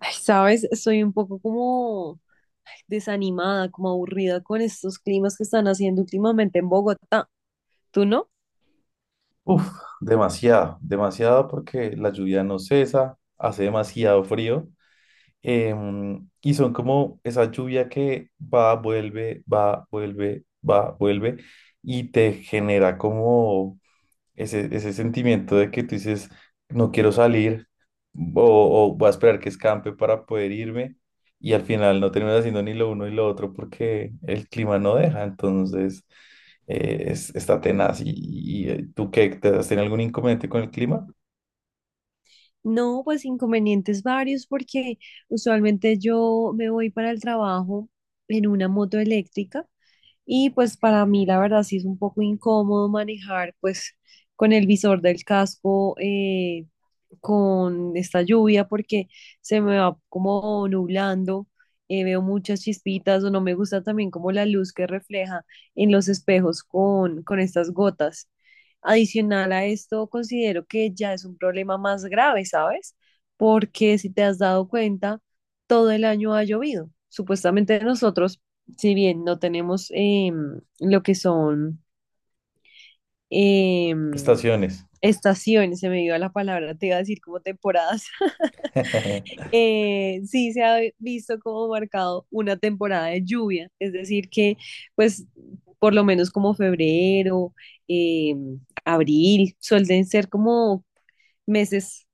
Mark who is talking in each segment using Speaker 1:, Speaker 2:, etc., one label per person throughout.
Speaker 1: Ay, sabes, estoy un poco como ay, desanimada, como aburrida con estos climas que están haciendo últimamente en Bogotá. ¿Tú no?
Speaker 2: Uf, demasiado, demasiado porque la lluvia no cesa, hace demasiado frío, y son como esa lluvia que va, vuelve, va, vuelve, va, vuelve y te genera como ese sentimiento de que tú dices, no quiero salir o, o voy a esperar que escampe para poder irme y al final no terminas haciendo ni lo uno y lo otro porque el clima no deja. Entonces está tenaz. ¿Y tú qué? ¿Te has tenido algún inconveniente con el clima?
Speaker 1: No, pues inconvenientes varios porque usualmente yo me voy para el trabajo en una moto eléctrica y pues para mí la verdad sí es un poco incómodo manejar pues con el visor del casco con esta lluvia porque se me va como nublando, veo muchas chispitas o no me gusta también como la luz que refleja en los espejos con estas gotas. Adicional a esto, considero que ya es un problema más grave, ¿sabes? Porque si te has dado cuenta, todo el año ha llovido. Supuestamente nosotros, si bien no tenemos lo que son em,
Speaker 2: Estaciones.
Speaker 1: estaciones, se me dio la palabra, te iba a decir como temporadas. Eh, sí se ha visto como marcado una temporada de lluvia, es decir, que pues por lo menos como febrero, eh, abril, suelen ser como meses,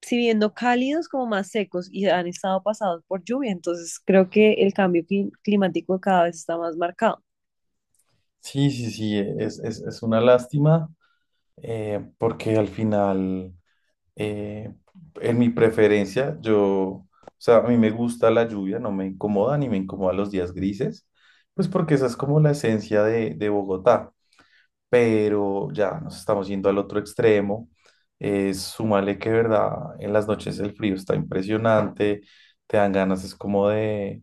Speaker 1: si bien no cálidos, como más secos y han estado pasados por lluvia. Entonces creo que el cambio climático cada vez está más marcado.
Speaker 2: Sí, es una lástima, porque al final... Eh, en mi preferencia, o sea, a mí me gusta la lluvia, no me incomoda ni me incomoda los días grises, pues porque esa es como la esencia de Bogotá, pero ya nos estamos yendo al otro extremo. Súmale que, verdad, en las noches el frío está impresionante, te dan ganas, es como de,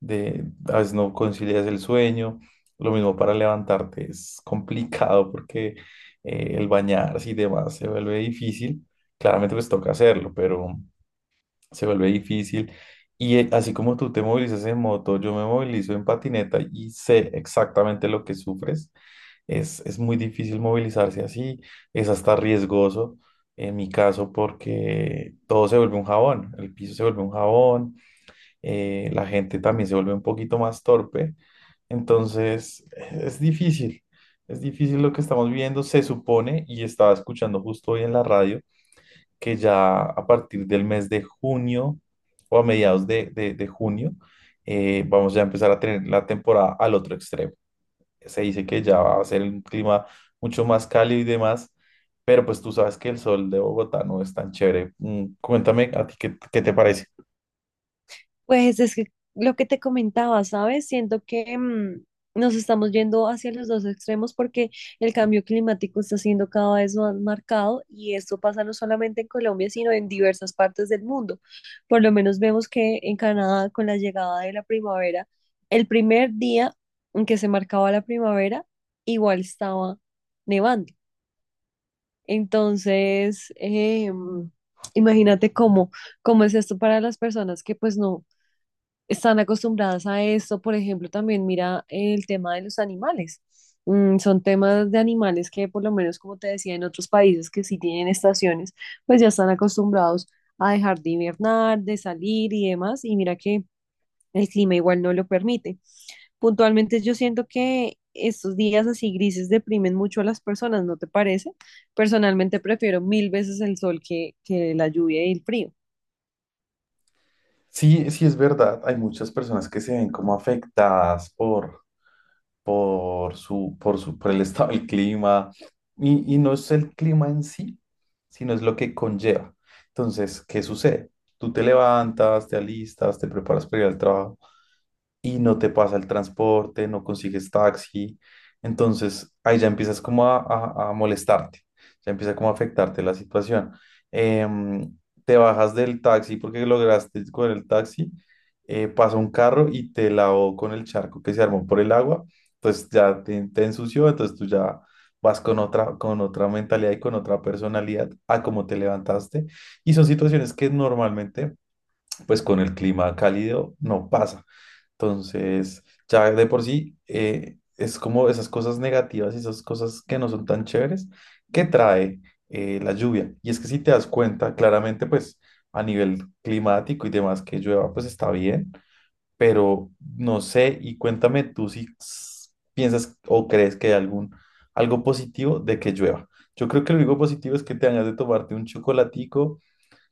Speaker 2: de, a veces no concilias el sueño, lo mismo para levantarte es complicado porque, el bañarse y demás se vuelve difícil, claramente pues toca hacerlo, pero se vuelve difícil. Y, así como tú te movilizas en moto, yo me movilizo en patineta y sé exactamente lo que sufres. Es muy difícil movilizarse así, es hasta riesgoso en mi caso porque todo se vuelve un jabón, el piso se vuelve un jabón, la gente también se vuelve un poquito más torpe, entonces es difícil, es difícil lo que estamos viviendo, se supone, y estaba escuchando justo hoy en la radio, que ya a partir del mes de junio o a mediados de junio, vamos ya a empezar a tener la temporada al otro extremo. Se dice que ya va a ser un clima mucho más cálido y demás, pero pues tú sabes que el sol de Bogotá no es tan chévere. Mm, cuéntame a ti qué, qué te parece.
Speaker 1: Pues es que lo que te comentaba, ¿sabes? Siento que nos estamos yendo hacia los dos extremos porque el cambio climático está siendo cada vez más marcado y esto pasa no solamente en Colombia, sino en diversas partes del mundo. Por lo menos vemos que en Canadá, con la llegada de la primavera, el primer día en que se marcaba la primavera, igual estaba nevando. Entonces, imagínate cómo... ¿Cómo es esto para las personas que pues no, están acostumbradas a esto? Por ejemplo, también mira el tema de los animales. Mm, son temas de animales que, por lo menos, como te decía, en otros países que sí tienen estaciones, pues ya están acostumbrados a dejar de hibernar, de salir y demás. Y mira que el clima igual no lo permite. Puntualmente, yo siento que estos días así grises deprimen mucho a las personas, ¿no te parece? Personalmente prefiero mil veces el sol que la lluvia y el frío.
Speaker 2: Sí, sí es verdad, hay muchas personas que se ven como afectadas por, por su, por el estado del clima y no es el clima en sí, sino es lo que conlleva. Entonces, ¿qué sucede? Tú te levantas, te alistas, te preparas para ir al trabajo y no te pasa el transporte, no consigues taxi. Entonces ahí ya empiezas como a molestarte, ya empieza como a afectarte la situación. Em, Te bajas del taxi porque lograste con el taxi, pasa un carro y te lavó con el charco que se armó por el agua, entonces ya te ensució, entonces tú ya vas con otra mentalidad y con otra personalidad a cómo te levantaste. Y son situaciones que normalmente, pues con el clima cálido no pasa. Entonces, ya de por sí, es como esas cosas negativas y esas cosas que no son tan chéveres que trae, la lluvia. Y es que si te das cuenta, claramente, pues a nivel climático y demás, que llueva, pues está bien, pero no sé, y cuéntame tú si piensas o crees que hay algún, algo positivo de que llueva. Yo creo que lo único positivo es que te hagas de tomarte un chocolatico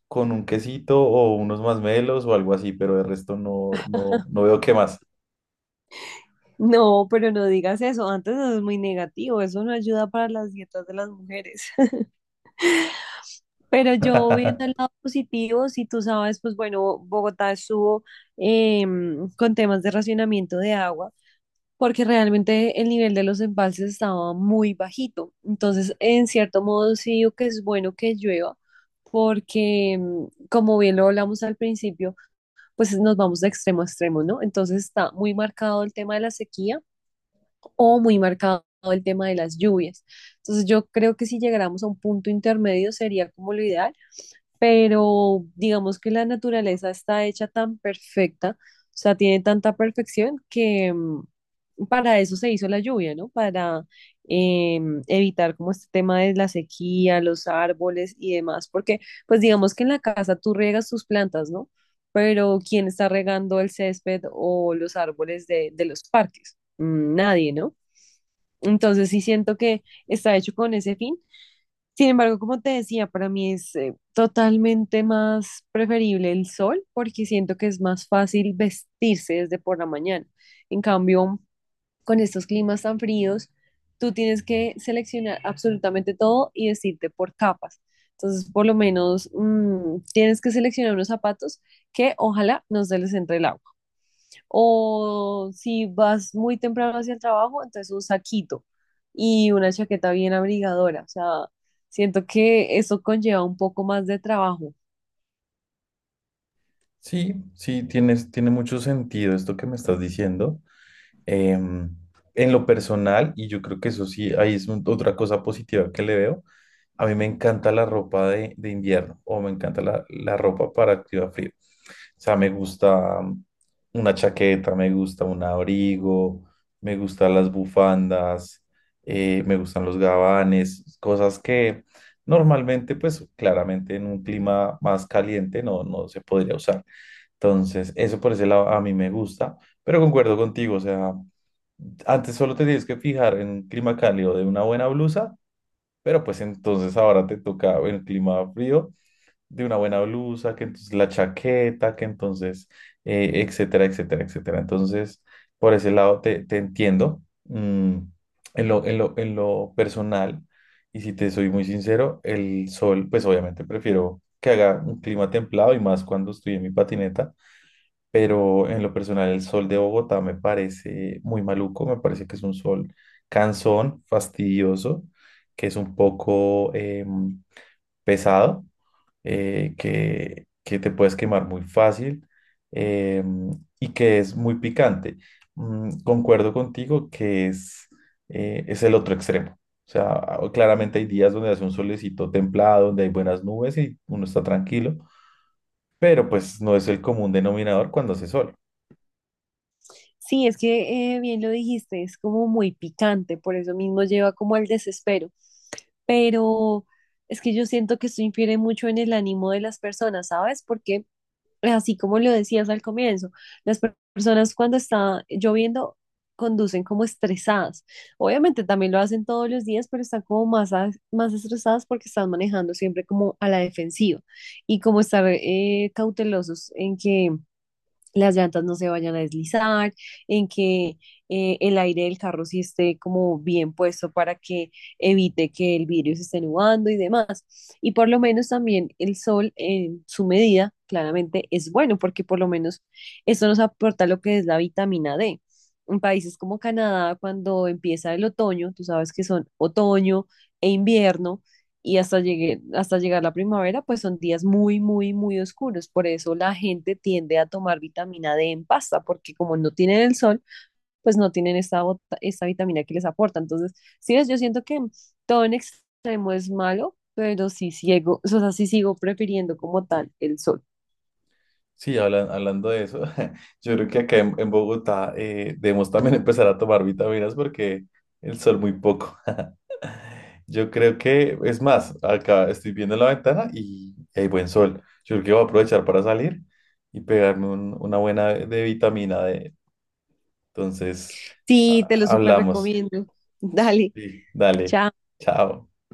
Speaker 2: con un quesito o unos masmelos o algo así, pero de resto no, no, no veo qué más.
Speaker 1: No, pero no digas eso. Antes eso es muy negativo. Eso no ayuda para las dietas de las mujeres. Pero yo viendo el lado positivo, si tú sabes, pues bueno, Bogotá estuvo con temas de racionamiento de agua, porque realmente el nivel de los embalses estaba muy bajito. Entonces, en cierto modo, sí digo que es bueno que llueva, porque como bien lo hablamos al principio, pues nos vamos de extremo a extremo, ¿no? Entonces está muy marcado el tema de la sequía o muy marcado el tema de las lluvias. Entonces yo creo que si llegáramos a un punto intermedio sería como lo ideal, pero digamos que la naturaleza está hecha tan perfecta, o sea, tiene tanta perfección que, para eso se hizo la lluvia, ¿no? Para eh, evitar como este tema de la sequía, los árboles y demás, porque pues digamos que en la casa tú riegas tus plantas, ¿no? Pero ¿quién está regando el césped o los árboles de los parques? Mm, Nadie, ¿no? Entonces sí siento que está hecho con ese fin. Sin embargo, como te decía, para mí es totalmente más preferible el sol porque siento que es más fácil vestirse desde por la mañana. En cambio, con estos climas tan fríos, tú tienes que seleccionar absolutamente todo y vestirte por capas. Entonces, por lo menos, tienes que seleccionar unos zapatos que ojalá no se les entre el agua. O si vas muy temprano hacia el trabajo, entonces un saquito y una chaqueta bien abrigadora. O sea, siento que eso conlleva un poco más de trabajo.
Speaker 2: Sí, sí, tienes, tiene mucho sentido esto que me estás diciendo. Em, en lo personal, y yo creo que eso sí, ahí es otra cosa positiva que le veo, a mí me encanta la ropa de invierno o me encanta la ropa para activar frío. O sea, me gusta mm, una chaqueta, me gusta un abrigo, me gustan las bufandas, me gustan los gabanes, cosas que normalmente, pues claramente en un clima más caliente no, no se podría usar. Entonces, eso por ese lado a mí me gusta, pero concuerdo contigo, o sea... Antes solo te tienes que fijar en un clima cálido de una buena blusa, pero pues entonces ahora te toca en clima frío de una buena blusa, que entonces la chaqueta, que entonces, etcétera, etcétera, etcétera. Entonces, por ese lado te entiendo. Mm, en lo personal, y si te soy muy sincero, el sol, pues obviamente prefiero que haga un clima templado y más cuando estoy en mi patineta, pero en lo personal el sol de Bogotá me parece muy maluco, me parece que es un sol cansón, fastidioso, que es un poco pesado, que te puedes quemar muy fácil em, y que es muy picante. Mm, concuerdo contigo que es el otro extremo. O sea, claramente hay días donde hace un solecito templado, donde hay buenas nubes y uno está tranquilo, pero pues no es el común denominador cuando hace sol.
Speaker 1: Sí, es que bien lo dijiste, es como muy picante, por eso mismo lleva como al desespero. Pero es que yo siento que esto infiere mucho en el ánimo de las personas, ¿sabes? Porque así como lo decías al comienzo, las personas cuando está lloviendo conducen como estresadas. Obviamente también lo hacen todos los días, pero están como más, más estresadas porque están manejando siempre como a la defensiva y como estar cautelosos en que las llantas no se vayan a deslizar, en que el aire del carro sí esté como bien puesto para que evite que el vidrio se esté nublando y demás. Y por lo menos también el sol en su medida claramente es bueno porque por lo menos eso nos aporta lo que es la vitamina D. En países como Canadá, cuando empieza el otoño, tú sabes que son otoño e invierno, y hasta llegue, hasta llegar la primavera, pues son días muy, muy, muy oscuros. Por eso la gente tiende a tomar vitamina D en pasta, porque como no tienen el sol, pues no tienen esta, esta vitamina que les aporta. Entonces, sí ves, yo siento que todo en extremo es malo, pero sí ciego, o sea, sí sigo prefiriendo como tal el sol.
Speaker 2: Sí, hablando de eso, yo creo que acá en Bogotá, debemos también empezar a tomar vitaminas porque el sol muy poco. Yo creo que, es más, acá estoy viendo la ventana y hay buen sol. Yo creo que voy a aprovechar para salir y pegarme una buena de vitamina D. Entonces,
Speaker 1: Sí, te lo súper
Speaker 2: hablamos.
Speaker 1: recomiendo. Dale,
Speaker 2: Sí. Dale,
Speaker 1: chao.
Speaker 2: chao.